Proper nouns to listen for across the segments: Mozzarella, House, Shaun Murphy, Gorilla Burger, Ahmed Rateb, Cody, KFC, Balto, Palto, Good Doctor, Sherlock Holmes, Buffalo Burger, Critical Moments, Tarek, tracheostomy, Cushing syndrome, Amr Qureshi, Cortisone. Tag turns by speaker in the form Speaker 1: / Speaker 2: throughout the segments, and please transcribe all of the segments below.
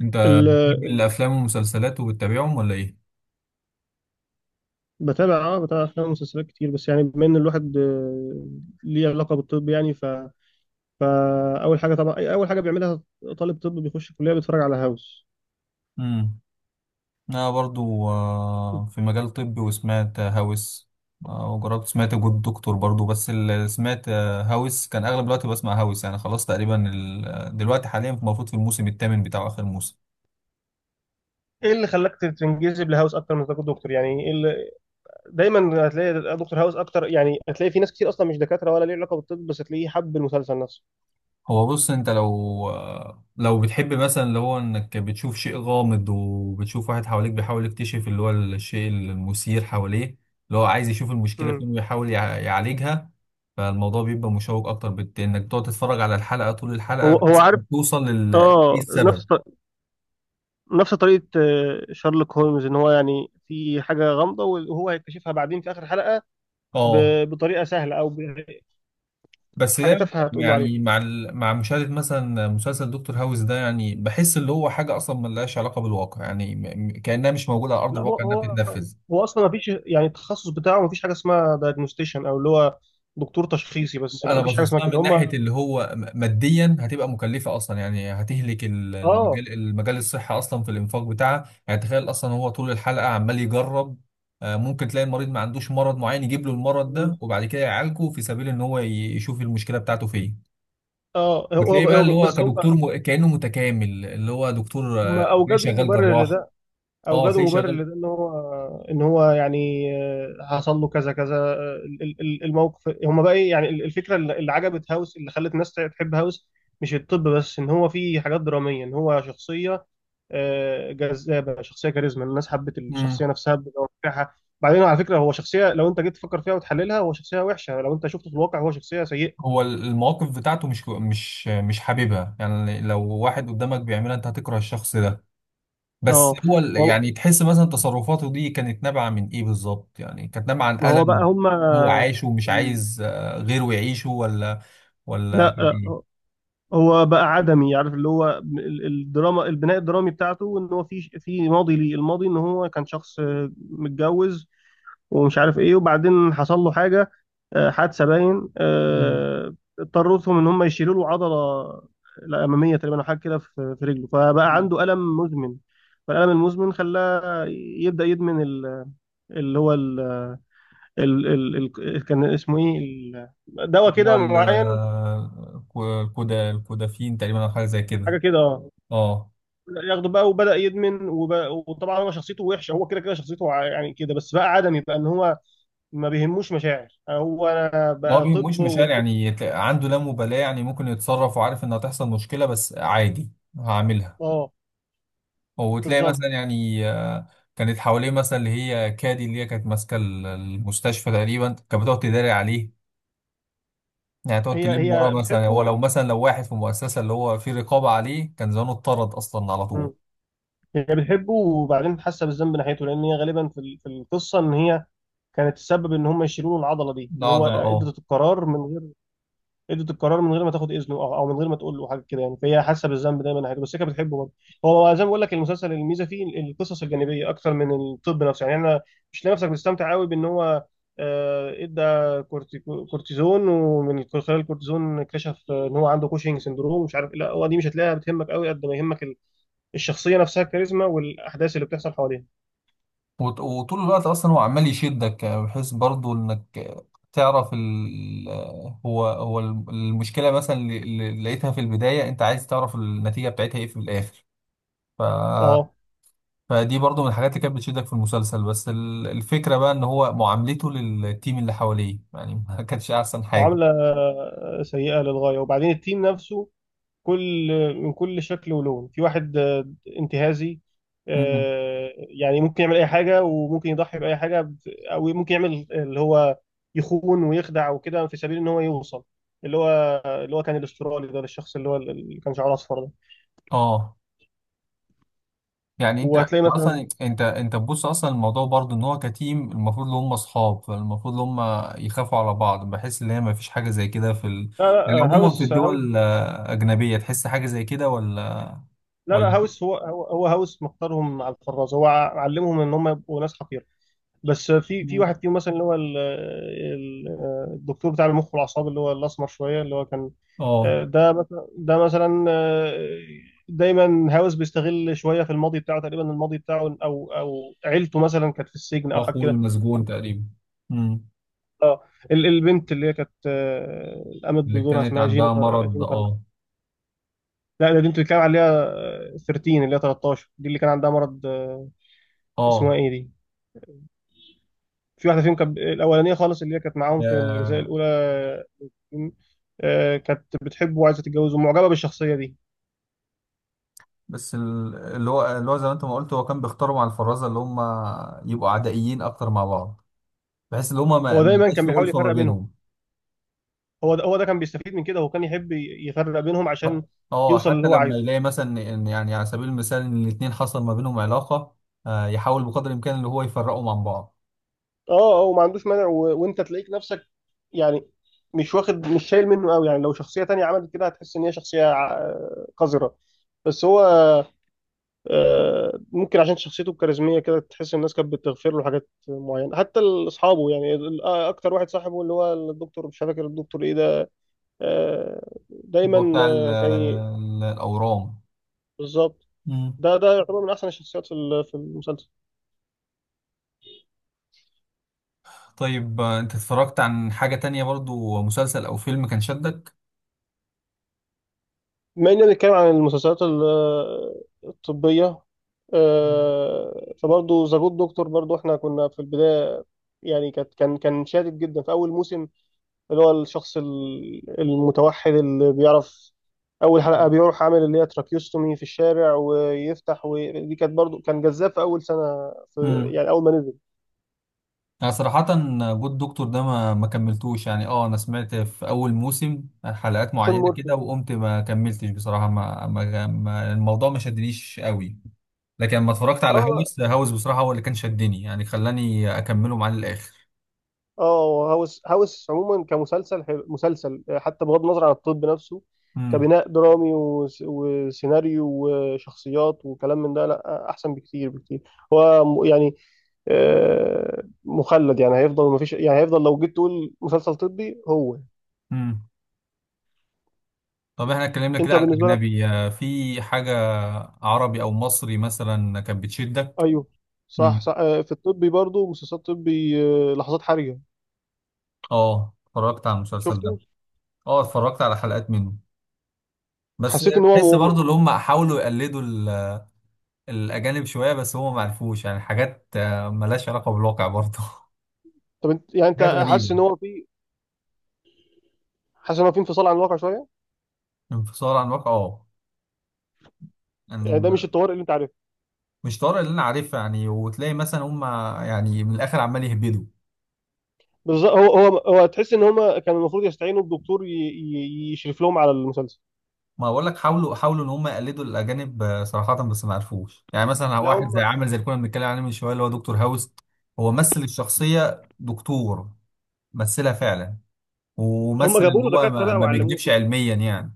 Speaker 1: انت
Speaker 2: ال-
Speaker 1: بتحب الافلام والمسلسلات وبتتابعهم ولا ايه؟
Speaker 2: بتابع افلام ومسلسلات كتير، بس يعني بما ان الواحد ليه علاقه بالطب يعني فاول حاجه طبعا اول حاجه بيعملها طالب طب بيخش الكليه بيتفرج على هاوس.
Speaker 1: امم. انا برضو في مجال طبي وسمعت هاوس. وجربت سمعت جود دكتور برضو، بس اللي سمعت هاوس كان اغلب الوقت بسمع هاوس. يعني خلاص تقريبا دلوقتي حاليا المفروض في الموسم الثامن بتاعه اخر موسم.
Speaker 2: ايه اللي خلاك تنجذب لهاوس اكتر من تكون دكتور؟ دايما هتلاقي دكتور هاوس اكتر. يعني هتلاقي في ناس كتير اصلا مش دكاتره ولا ليه علاقه بالطب، بس هتلاقيه حب المسلسل نفسه.
Speaker 1: هو بص، انت لو بتحب مثلا اللي هو انك بتشوف شيء غامض، وبتشوف واحد حواليك بيحاول يكتشف اللي هو الشيء المثير حواليه. اللي هو عايز يشوف المشكلة
Speaker 2: امم
Speaker 1: فين ويحاول يعالجها. فالموضوع بيبقى مشوق اكتر، انك تقعد تتفرج على الحلقة طول الحلقة
Speaker 2: هو
Speaker 1: بحيث
Speaker 2: عارف.
Speaker 1: انك توصل لل. ايه
Speaker 2: اه نفس
Speaker 1: السبب؟
Speaker 2: ط- نفس طريقه شارلوك هولمز، ان هو يعني في حاجه غامضه وهو هيكتشفها بعدين في اخر حلقه
Speaker 1: اه،
Speaker 2: بطريقه سهله، او
Speaker 1: بس
Speaker 2: حاجه
Speaker 1: دايما.
Speaker 2: تافهه هتقول له عليها.
Speaker 1: يعني مع مشاهدة مثلا مسلسل دكتور هاوس ده، يعني بحس اللي هو حاجة اصلا ملهاش علاقة بالواقع، يعني كأنها مش موجودة على ارض
Speaker 2: لا، هو
Speaker 1: الواقع انها
Speaker 2: هو
Speaker 1: بتتنفذ.
Speaker 2: هو اصلا ما فيش يعني التخصص بتاعه، ما فيش حاجه اسمها دايجنوستيشن او اللي هو دكتور تشخيصي، بس لا
Speaker 1: انا
Speaker 2: ما فيش حاجه
Speaker 1: باصص
Speaker 2: اسمها
Speaker 1: لها
Speaker 2: كده.
Speaker 1: من ناحيه
Speaker 2: هم
Speaker 1: اللي هو ماديا هتبقى مكلفه اصلا. يعني هتهلك
Speaker 2: اه
Speaker 1: المجال، الصحي اصلا في الانفاق بتاعها. يعني تخيل اصلا هو طول الحلقه عمال يجرب. ممكن تلاقي المريض ما عندوش مرض معين يجيب له المرض
Speaker 2: م.
Speaker 1: ده، وبعد كده يعالجه في سبيل ان هو يشوف المشكله بتاعته فين.
Speaker 2: اه
Speaker 1: بتلاقيه
Speaker 2: هو
Speaker 1: بقى
Speaker 2: هو
Speaker 1: اللي هو
Speaker 2: بس
Speaker 1: كدكتور، كانه متكامل، اللي هو دكتور،
Speaker 2: هم
Speaker 1: تلاقيه شغال جراح. اه،
Speaker 2: اوجدوا
Speaker 1: تلاقيه
Speaker 2: مبرر
Speaker 1: شغال.
Speaker 2: لده ان هو، يعني حصل له كذا كذا، الموقف. هم بقى ايه؟ يعني الفكره اللي عجبت هاوس، اللي خلت الناس تحب هاوس مش الطب بس، ان هو في حاجات دراميه، ان هو شخصيه جذابه، شخصيه كاريزما، الناس حبت الشخصيه
Speaker 1: مم.
Speaker 2: نفسها بتوقعها. بعدين على فكره هو شخصيه، لو انت جيت تفكر فيها وتحللها هو شخصيه وحشه، لو انت شفته في الواقع هو شخصيه سيئه.
Speaker 1: هو المواقف بتاعته مش حاببها. يعني لو واحد قدامك بيعملها انت هتكره الشخص ده. بس
Speaker 2: اه
Speaker 1: هو
Speaker 2: هو-
Speaker 1: يعني تحس مثلا تصرفاته دي كانت نابعة من ايه بالظبط؟ يعني كانت نابعة عن
Speaker 2: ما هو بقى.
Speaker 1: ألم. هو عايشه ومش عايز غيره يعيشه، ولا ولا
Speaker 2: لا
Speaker 1: كان
Speaker 2: لا،
Speaker 1: ايه؟
Speaker 2: هو بقى عدمي، عارف اللي هو الدراما، البناء الدرامي بتاعته ان هو في ماضي ليه، الماضي ان هو كان شخص متجوز ومش عارف ايه، وبعدين حصل له حاجه، حادثه باين
Speaker 1: مم.
Speaker 2: اضطرتهم ان هم يشيلوا له عضله الاماميه تقريبا، او حاجه كده في رجله، فبقى
Speaker 1: مم.
Speaker 2: عنده الم مزمن. فالالم المزمن خلاه يبدا يدمن اللي هو ال ال ال كان اسمه ايه، دواء
Speaker 1: اللي هو
Speaker 2: كده معين،
Speaker 1: الكودا، الكودافين تقريبا، او حاجة زي كده.
Speaker 2: حاجه كده. اه
Speaker 1: اه.
Speaker 2: ياخده بقى وبدا يدمن وبقى، وطبعا هو شخصيته وحشه، هو كده كده شخصيته يعني كده، بس بقى عدمي بقى ان هو ما بيهموش مشاعر، هو انا
Speaker 1: ما هو
Speaker 2: بقى
Speaker 1: مش
Speaker 2: طب
Speaker 1: مشاعر،
Speaker 2: والطب.
Speaker 1: يعني عنده لا مبالاة. يعني ممكن يتصرف وعارف ان هتحصل مشكلة بس عادي. هعملها.
Speaker 2: اه،
Speaker 1: وتلاقي مثلا
Speaker 2: بالظبط.
Speaker 1: يعني، كانت حواليه مثلا اللي هي كادي، اللي هي كانت ماسكه المستشفى تقريبا، كانت بتقعد تداري عليه. يعني تقعد
Speaker 2: هي
Speaker 1: تلم وراه.
Speaker 2: هي
Speaker 1: مثلا هو
Speaker 2: بتحبه.
Speaker 1: لو مثلا لو واحد في مؤسسه اللي هو في رقابه عليه، كان زمانه اتطرد اصلا على طول.
Speaker 2: مم. هي بتحبه، وبعدين حاسه بالذنب ناحيته، لان هي غالبا في القصه ان هي كانت تسبب ان هم يشيلوا له العضله دي،
Speaker 1: لا،
Speaker 2: ان هو
Speaker 1: عضله، اه.
Speaker 2: ادت القرار من غير ما تاخد اذنه، أو من غير ما تقول له حاجه كده. يعني فهي حاسه بالذنب دايما ناحيته، بس هي كانت بتحبه برضه. هو زي ما بقول لك، المسلسل الميزه فيه القصص الجانبيه اكتر من الطب نفسه. يعني انا مش لاقي نفسك بتستمتع قوي بان هو ادى كورتيزون، ومن خلال الكورتيزون اكتشف ان هو عنده كوشنج سندروم ومش عارف إيه. لا، هو دي مش هتلاقيها بتهمك قوي قد ما يهمك الشخصيه نفسها، الكاريزما والاحداث اللي بتحصل حواليها.
Speaker 1: وطول الوقت اصلا هو عمال يشدك، بحيث برضو انك تعرف ال آه، هو المشكله مثلا اللي لقيتها في البدايه، انت عايز تعرف النتيجه بتاعتها ايه في الاخر. ف،
Speaker 2: اه،
Speaker 1: فدي برضو من الحاجات اللي كانت بتشدك في المسلسل. بس الفكرة بقى ان هو معاملته للتيم اللي حواليه، يعني ما كانتش احسن حاجة.
Speaker 2: معامله سيئه للغايه، وبعدين التيم نفسه كل من كل شكل ولون، في واحد انتهازي،
Speaker 1: مم.
Speaker 2: يعني ممكن يعمل اي حاجه وممكن يضحي باي حاجه، او ممكن يعمل اللي هو يخون ويخدع وكده في سبيل ان هو يوصل اللي هو، كان الاسترالي ده، الشخص اللي هو اللي كان شعره اصفر ده.
Speaker 1: اه. يعني أنت
Speaker 2: وهتلاقي مثلا،
Speaker 1: اصلا، انت تبص اصلا الموضوع برضو ان هو كتيم المفروض ان هم اصحاب، فالمفروض ان هم يخافوا على بعض. بحس ان هي ما فيش حاجة زي كده في
Speaker 2: لا
Speaker 1: يعني
Speaker 2: لا،
Speaker 1: عموما في
Speaker 2: هاوس،
Speaker 1: الدول اجنبية تحس حاجة زي كده، ولا
Speaker 2: لا لا،
Speaker 1: ولا.
Speaker 2: هاوس هو هاوس مختارهم على الفراز، هو علمهم ان هم يبقوا ناس حقيره. بس في
Speaker 1: مم.
Speaker 2: واحد فيهم مثلا، اللي هو الدكتور بتاع المخ والاعصاب اللي هو الاسمر شويه اللي هو كان،
Speaker 1: اه،
Speaker 2: ده مثلا دايما هاوس بيستغل شويه في الماضي بتاعه تقريبا، الماضي بتاعه او عيلته مثلا كانت في السجن او حاجه
Speaker 1: اخوه
Speaker 2: كده.
Speaker 1: المسجون تقريبا. مم.
Speaker 2: اه، البنت اللي هي كانت قامت
Speaker 1: اللي
Speaker 2: بدورها
Speaker 1: كانت
Speaker 2: اسمها
Speaker 1: عندها
Speaker 2: جينيفر
Speaker 1: مرض، اه.
Speaker 2: لا، ده دي انت بتتكلم عليها، 13 اللي هي 13 دي اللي كان عندها مرض، اسمها
Speaker 1: اه.
Speaker 2: ايه دي؟ في واحده فيهم كانت الاولانيه خالص اللي هي كانت معاهم في الجزء الاولى، كانت بتحبه وعايزه تتجوزه، معجبه بالشخصيه دي.
Speaker 1: بس اللي هو زي ما انت ما قلت هو كان بيختاروا مع الفرازه اللي هم يبقوا عدائيين اكتر مع بعض. بحيث ان هم ما
Speaker 2: هو
Speaker 1: ما
Speaker 2: دايما
Speaker 1: يبقاش
Speaker 2: كان
Speaker 1: في
Speaker 2: بيحاول
Speaker 1: ألفة ما
Speaker 2: يفرق بينهم،
Speaker 1: بينهم.
Speaker 2: هو ده كان بيستفيد من كده، هو كان يحب يفرق بينهم عشان
Speaker 1: حت- اه،
Speaker 2: يوصل اللي
Speaker 1: حتى
Speaker 2: هو
Speaker 1: لما
Speaker 2: عايزه.
Speaker 1: يلاقي مثلا ان يعني على سبيل المثال ان الاثنين حصل ما بينهم علاقه. يحاول بقدر الامكان اللي هو يفرقهم عن بعض.
Speaker 2: اه، هو ما عندوش مانع، وانت تلاقيك نفسك، يعني مش شايل منه قوي، يعني لو شخصية تانية عملت كده هتحس ان هي شخصية قذرة. بس هو ممكن عشان شخصيته الكاريزمية كده تحس الناس كانت بتغفر له حاجات معينة، حتى اصحابه، يعني اكتر واحد صاحبه اللي هو الدكتور، مش فاكر الدكتور ايه ده. آه،
Speaker 1: اللي هو
Speaker 2: دايما
Speaker 1: بتاع
Speaker 2: آه، كان ي-
Speaker 1: الاورام.
Speaker 2: بالظبط.
Speaker 1: مم.
Speaker 2: ده يعتبر من احسن الشخصيات في في المسلسل.
Speaker 1: طيب، انت اتفرجت عن حاجه تانية برضو، مسلسل او فيلم كان شدك؟
Speaker 2: بما اننا بنتكلم عن المسلسلات الطبية، فبرضه ذا جود دكتور، برضه احنا كنا في البداية، يعني كان شادد جدا في أول موسم، اللي هو الشخص المتوحد اللي بيعرف أول حلقة بيروح عامل اللي هي تراكيوستومي في الشارع ويفتح. ودي كانت برضه كان جذاب في أول سنة، في
Speaker 1: مم.
Speaker 2: يعني أول ما نزل،
Speaker 1: أنا صراحة جو الدكتور ده ما كملتوش. يعني اه، أنا سمعت في أول موسم حلقات
Speaker 2: شون
Speaker 1: معينة
Speaker 2: مورفي.
Speaker 1: كده وقمت ما كملتش. بصراحة ما الموضوع ما شدنيش قوي. لكن لما اتفرجت على
Speaker 2: اه،
Speaker 1: هاوس، هاوس بصراحة هو اللي كان شدني. يعني خلاني أكمله معاه للآخر.
Speaker 2: اه، هاوس عموما كمسلسل حلو، مسلسل حتى بغض النظر عن الطب نفسه،
Speaker 1: امم.
Speaker 2: كبناء درامي وسيناريو وشخصيات وكلام من ده، لا احسن بكتير بكتير. هو يعني مخلد، يعني هيفضل ما فيش، يعني هيفضل لو جيت تقول مسلسل طبي هو.
Speaker 1: امم. طب احنا اتكلمنا كده
Speaker 2: انت
Speaker 1: على
Speaker 2: بالنسبه لك؟
Speaker 1: الأجنبي، في حاجة عربي أو مصري مثلا كانت بتشدك؟
Speaker 2: ايوه،
Speaker 1: امم.
Speaker 2: صح، في الطبي برضو مسلسلات طبي، لحظات حرجه،
Speaker 1: اه، اتفرجت على المسلسل ده.
Speaker 2: شفته.
Speaker 1: اه، اتفرجت على حلقات منه. بس
Speaker 2: حسيت ان هو
Speaker 1: تحس برضو اللي هم حاولوا يقلدوا الأجانب شوية، بس هو معرفوش. يعني حاجات ملهاش علاقة بالواقع برضه.
Speaker 2: طب انت يعني
Speaker 1: حاجات
Speaker 2: حاسس
Speaker 1: غريبة.
Speaker 2: ان هو في، انفصال عن الواقع شويه،
Speaker 1: انفصال عن الواقع، اه. يعني
Speaker 2: يعني ده مش الطوارئ اللي انت عارفه.
Speaker 1: مش طارق اللي أنا عارفها. يعني وتلاقي مثلا هم، يعني من الآخر عمال يهبدوا.
Speaker 2: بالظبط، هو تحس ان هم كان المفروض يستعينوا بدكتور يشرف لهم على المسلسل.
Speaker 1: ما بقول لك، حاولوا حاولوا إن هم يقلدوا الأجانب، صراحة بس ما عرفوش. يعني مثلا
Speaker 2: لا،
Speaker 1: واحد زي،
Speaker 2: هم
Speaker 1: عامل زي اللي كنا بنتكلم عليه من شوية اللي هو دكتور هاوس. هو مثل الشخصية دكتور، مثلها فعلا.
Speaker 2: هم
Speaker 1: ومثل
Speaker 2: جابوا
Speaker 1: إن
Speaker 2: له
Speaker 1: هو
Speaker 2: دكاتره
Speaker 1: ما
Speaker 2: بقى
Speaker 1: ما
Speaker 2: وعلموه
Speaker 1: بيكذبش
Speaker 2: كده.
Speaker 1: علميا يعني.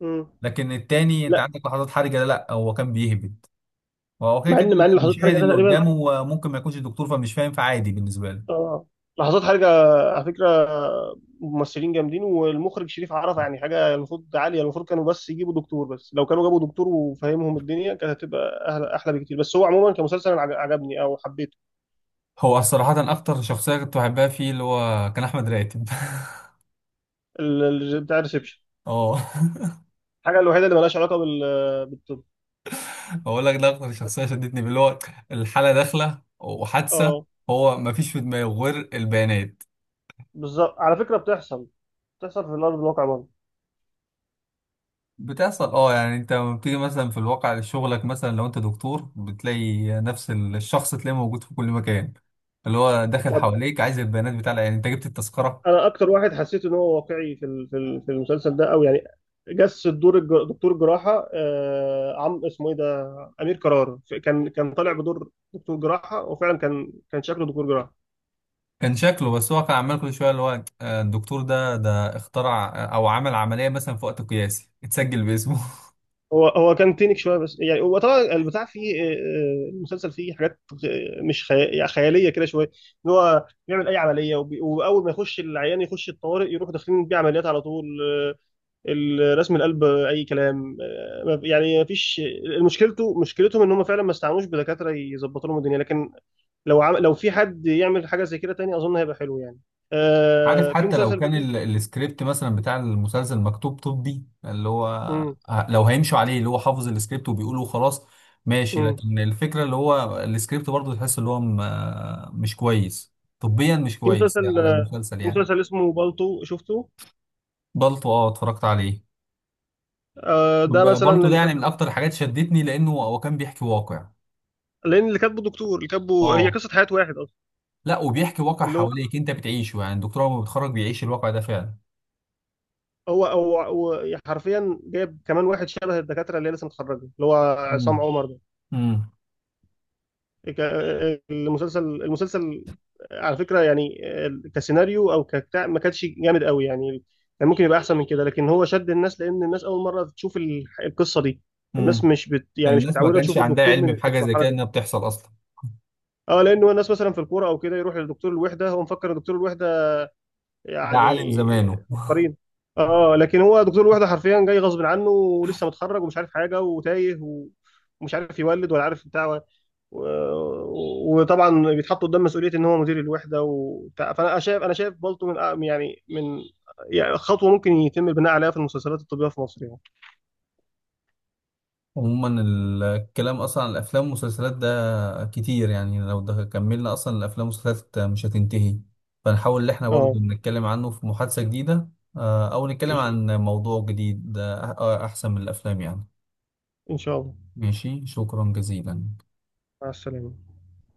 Speaker 2: مم.
Speaker 1: لكن التاني انت
Speaker 2: لا،
Speaker 1: عندك لحظات حرجه، لا لا، هو كان بيهبد. هو كده كده.
Speaker 2: مع ان لحظات
Speaker 1: المشاهد
Speaker 2: حرجه ده
Speaker 1: اللي
Speaker 2: تقريبا.
Speaker 1: قدامه ممكن ما يكونش دكتور فمش فاهم، فعادي بالنسبة له.
Speaker 2: اه، لحظات حرجه على فكره ممثلين جامدين، والمخرج شريف عرفه، يعني حاجه المفروض عاليه، المفروض كانوا بس يجيبوا دكتور. بس لو كانوا جابوا دكتور وفهمهم الدنيا كانت هتبقى احلى بكتير. بس هو عموما كمسلسل أنا عجبني او حبيته.
Speaker 1: هو صراحة أكتر شخصية كنت بحبها فيه اللي هو كان أحمد راتب.
Speaker 2: بتاع الريسبشن،
Speaker 1: اه.
Speaker 2: الحاجه الوحيده اللي مالهاش علاقه بال بالطب
Speaker 1: بقول لك ده أكتر
Speaker 2: بس.
Speaker 1: شخصية شدتني اللي هو، الحالة داخلة وحادثة.
Speaker 2: اه،
Speaker 1: هو مفيش في دماغه غير البيانات.
Speaker 2: بالظبط، على فكره بتحصل، في الارض الواقع برضه.
Speaker 1: بتحصل، اه. يعني انت لما بتيجي مثلا في الواقع شغلك، مثلا لو انت دكتور بتلاقي نفس الشخص تلاقيه موجود في كل مكان. اللي هو داخل
Speaker 2: طب
Speaker 1: حواليك عايز البيانات بتاع العيان، انت جبت التذكرة.
Speaker 2: انا اكتر واحد حسيت ان هو واقعي في المسلسل ده، او يعني جس الدور دكتور جراحه، آه، عم اسمه ايه ده، امير قرار. كان طالع بدور دكتور جراحه، وفعلا كان شكله دكتور جراحه.
Speaker 1: كان شكله، بس هو كان عمال كل شويه اللي هو، الدكتور ده اخترع، او عمل عمليه مثلا في وقت قياسي اتسجل باسمه.
Speaker 2: هو كان تينك شويه، بس يعني هو طبعا البتاع فيه، المسلسل فيه حاجات مش يعني خياليه كده شويه، ان هو بيعمل اي عمليه، واول ما يخش العيان يخش الطوارئ يروح داخلين بيه عمليات على طول، الرسم القلب اي كلام، يعني ما فيش. مشكلتهم ان هم فعلا ما استعنوش بدكاتره يظبطوا لهم الدنيا. لكن لو في حد يعمل حاجه زي كده تاني اظن هيبقى حلو، يعني
Speaker 1: عارف،
Speaker 2: في
Speaker 1: حتى لو
Speaker 2: مسلسل
Speaker 1: كان
Speaker 2: جديد.
Speaker 1: السكريبت مثلا بتاع المسلسل مكتوب طبي اللي هو،
Speaker 2: مم.
Speaker 1: لو هيمشوا عليه اللي هو حافظ السكريبت وبيقوله خلاص. ماشي،
Speaker 2: مم.
Speaker 1: لكن الفكره اللي هو السكريبت برضه تحس اللي هو مش كويس. طبيا مش
Speaker 2: في
Speaker 1: كويس
Speaker 2: مسلسل
Speaker 1: على المسلسل
Speaker 2: في
Speaker 1: يعني.
Speaker 2: مسلسل اسمه بالطو، شفته.
Speaker 1: بالطو، اه اتفرجت عليه.
Speaker 2: آه، ده مثلا
Speaker 1: بالطو ده
Speaker 2: اللي
Speaker 1: يعني من
Speaker 2: كاتبه،
Speaker 1: اكتر الحاجات شدتني، لانه هو كان بيحكي واقع.
Speaker 2: لان اللي كاتبه دكتور، اللي كاتبه هي
Speaker 1: اه.
Speaker 2: قصه حياه واحد اصلا.
Speaker 1: لا، وبيحكي واقع
Speaker 2: اللي هو
Speaker 1: حواليك انت بتعيشه. يعني الدكتور هو بيتخرج بيعيش الواقع ده فعلا.
Speaker 2: هو هو هو حرفيا جايب كمان واحد شبه الدكاتره اللي هي لسه متخرجه، اللي هو عصام
Speaker 1: مم.
Speaker 2: عمر.
Speaker 1: امم.
Speaker 2: ك- المسلسل على فكرة يعني كسيناريو او كبتاع ما كانش جامد قوي يعني، كان ممكن يبقى احسن من كده. لكن هو شد الناس لان الناس اول مرة تشوف القصة دي، الناس
Speaker 1: امم.
Speaker 2: مش بت يعني مش
Speaker 1: الناس ما
Speaker 2: متعوده
Speaker 1: كانش
Speaker 2: تشوف
Speaker 1: عندها
Speaker 2: الدكتور
Speaker 1: علم
Speaker 2: من في
Speaker 1: بحاجه زي
Speaker 2: المرحله
Speaker 1: كده
Speaker 2: دي.
Speaker 1: انها بتحصل اصلا.
Speaker 2: اه، لانه الناس مثلا في الكوره او كده يروح لدكتور الوحده، هو مفكر دكتور الوحده
Speaker 1: ده
Speaker 2: يعني
Speaker 1: عالم زمانه.
Speaker 2: عبقريين. اه، لكن هو دكتور الوحده حرفيا جاي غصب عنه، ولسه متخرج ومش عارف حاجه وتايه، ومش عارف يولد ولا عارف بتاع، وطبعا بيتحط قدام مسؤوليه ان هو مدير الوحده وبتاع. فانا شايف، انا شايف بالطو من يعني يعني خطوه ممكن يتم البناء عليها في المسلسلات الطبيه في مصر يعني.
Speaker 1: عموما الكلام اصلا عن الافلام والمسلسلات ده كتير. يعني لو ده كملنا اصلا الافلام والمسلسلات مش هتنتهي. فنحاول ان احنا
Speaker 2: اه،
Speaker 1: برضو نتكلم عنه في محادثه جديده. او نتكلم
Speaker 2: ان شاء
Speaker 1: عن
Speaker 2: الله،
Speaker 1: موضوع جديد، احسن من الافلام يعني.
Speaker 2: ان شاء الله.
Speaker 1: ماشي، شكرا جزيلا.
Speaker 2: مع السلامه.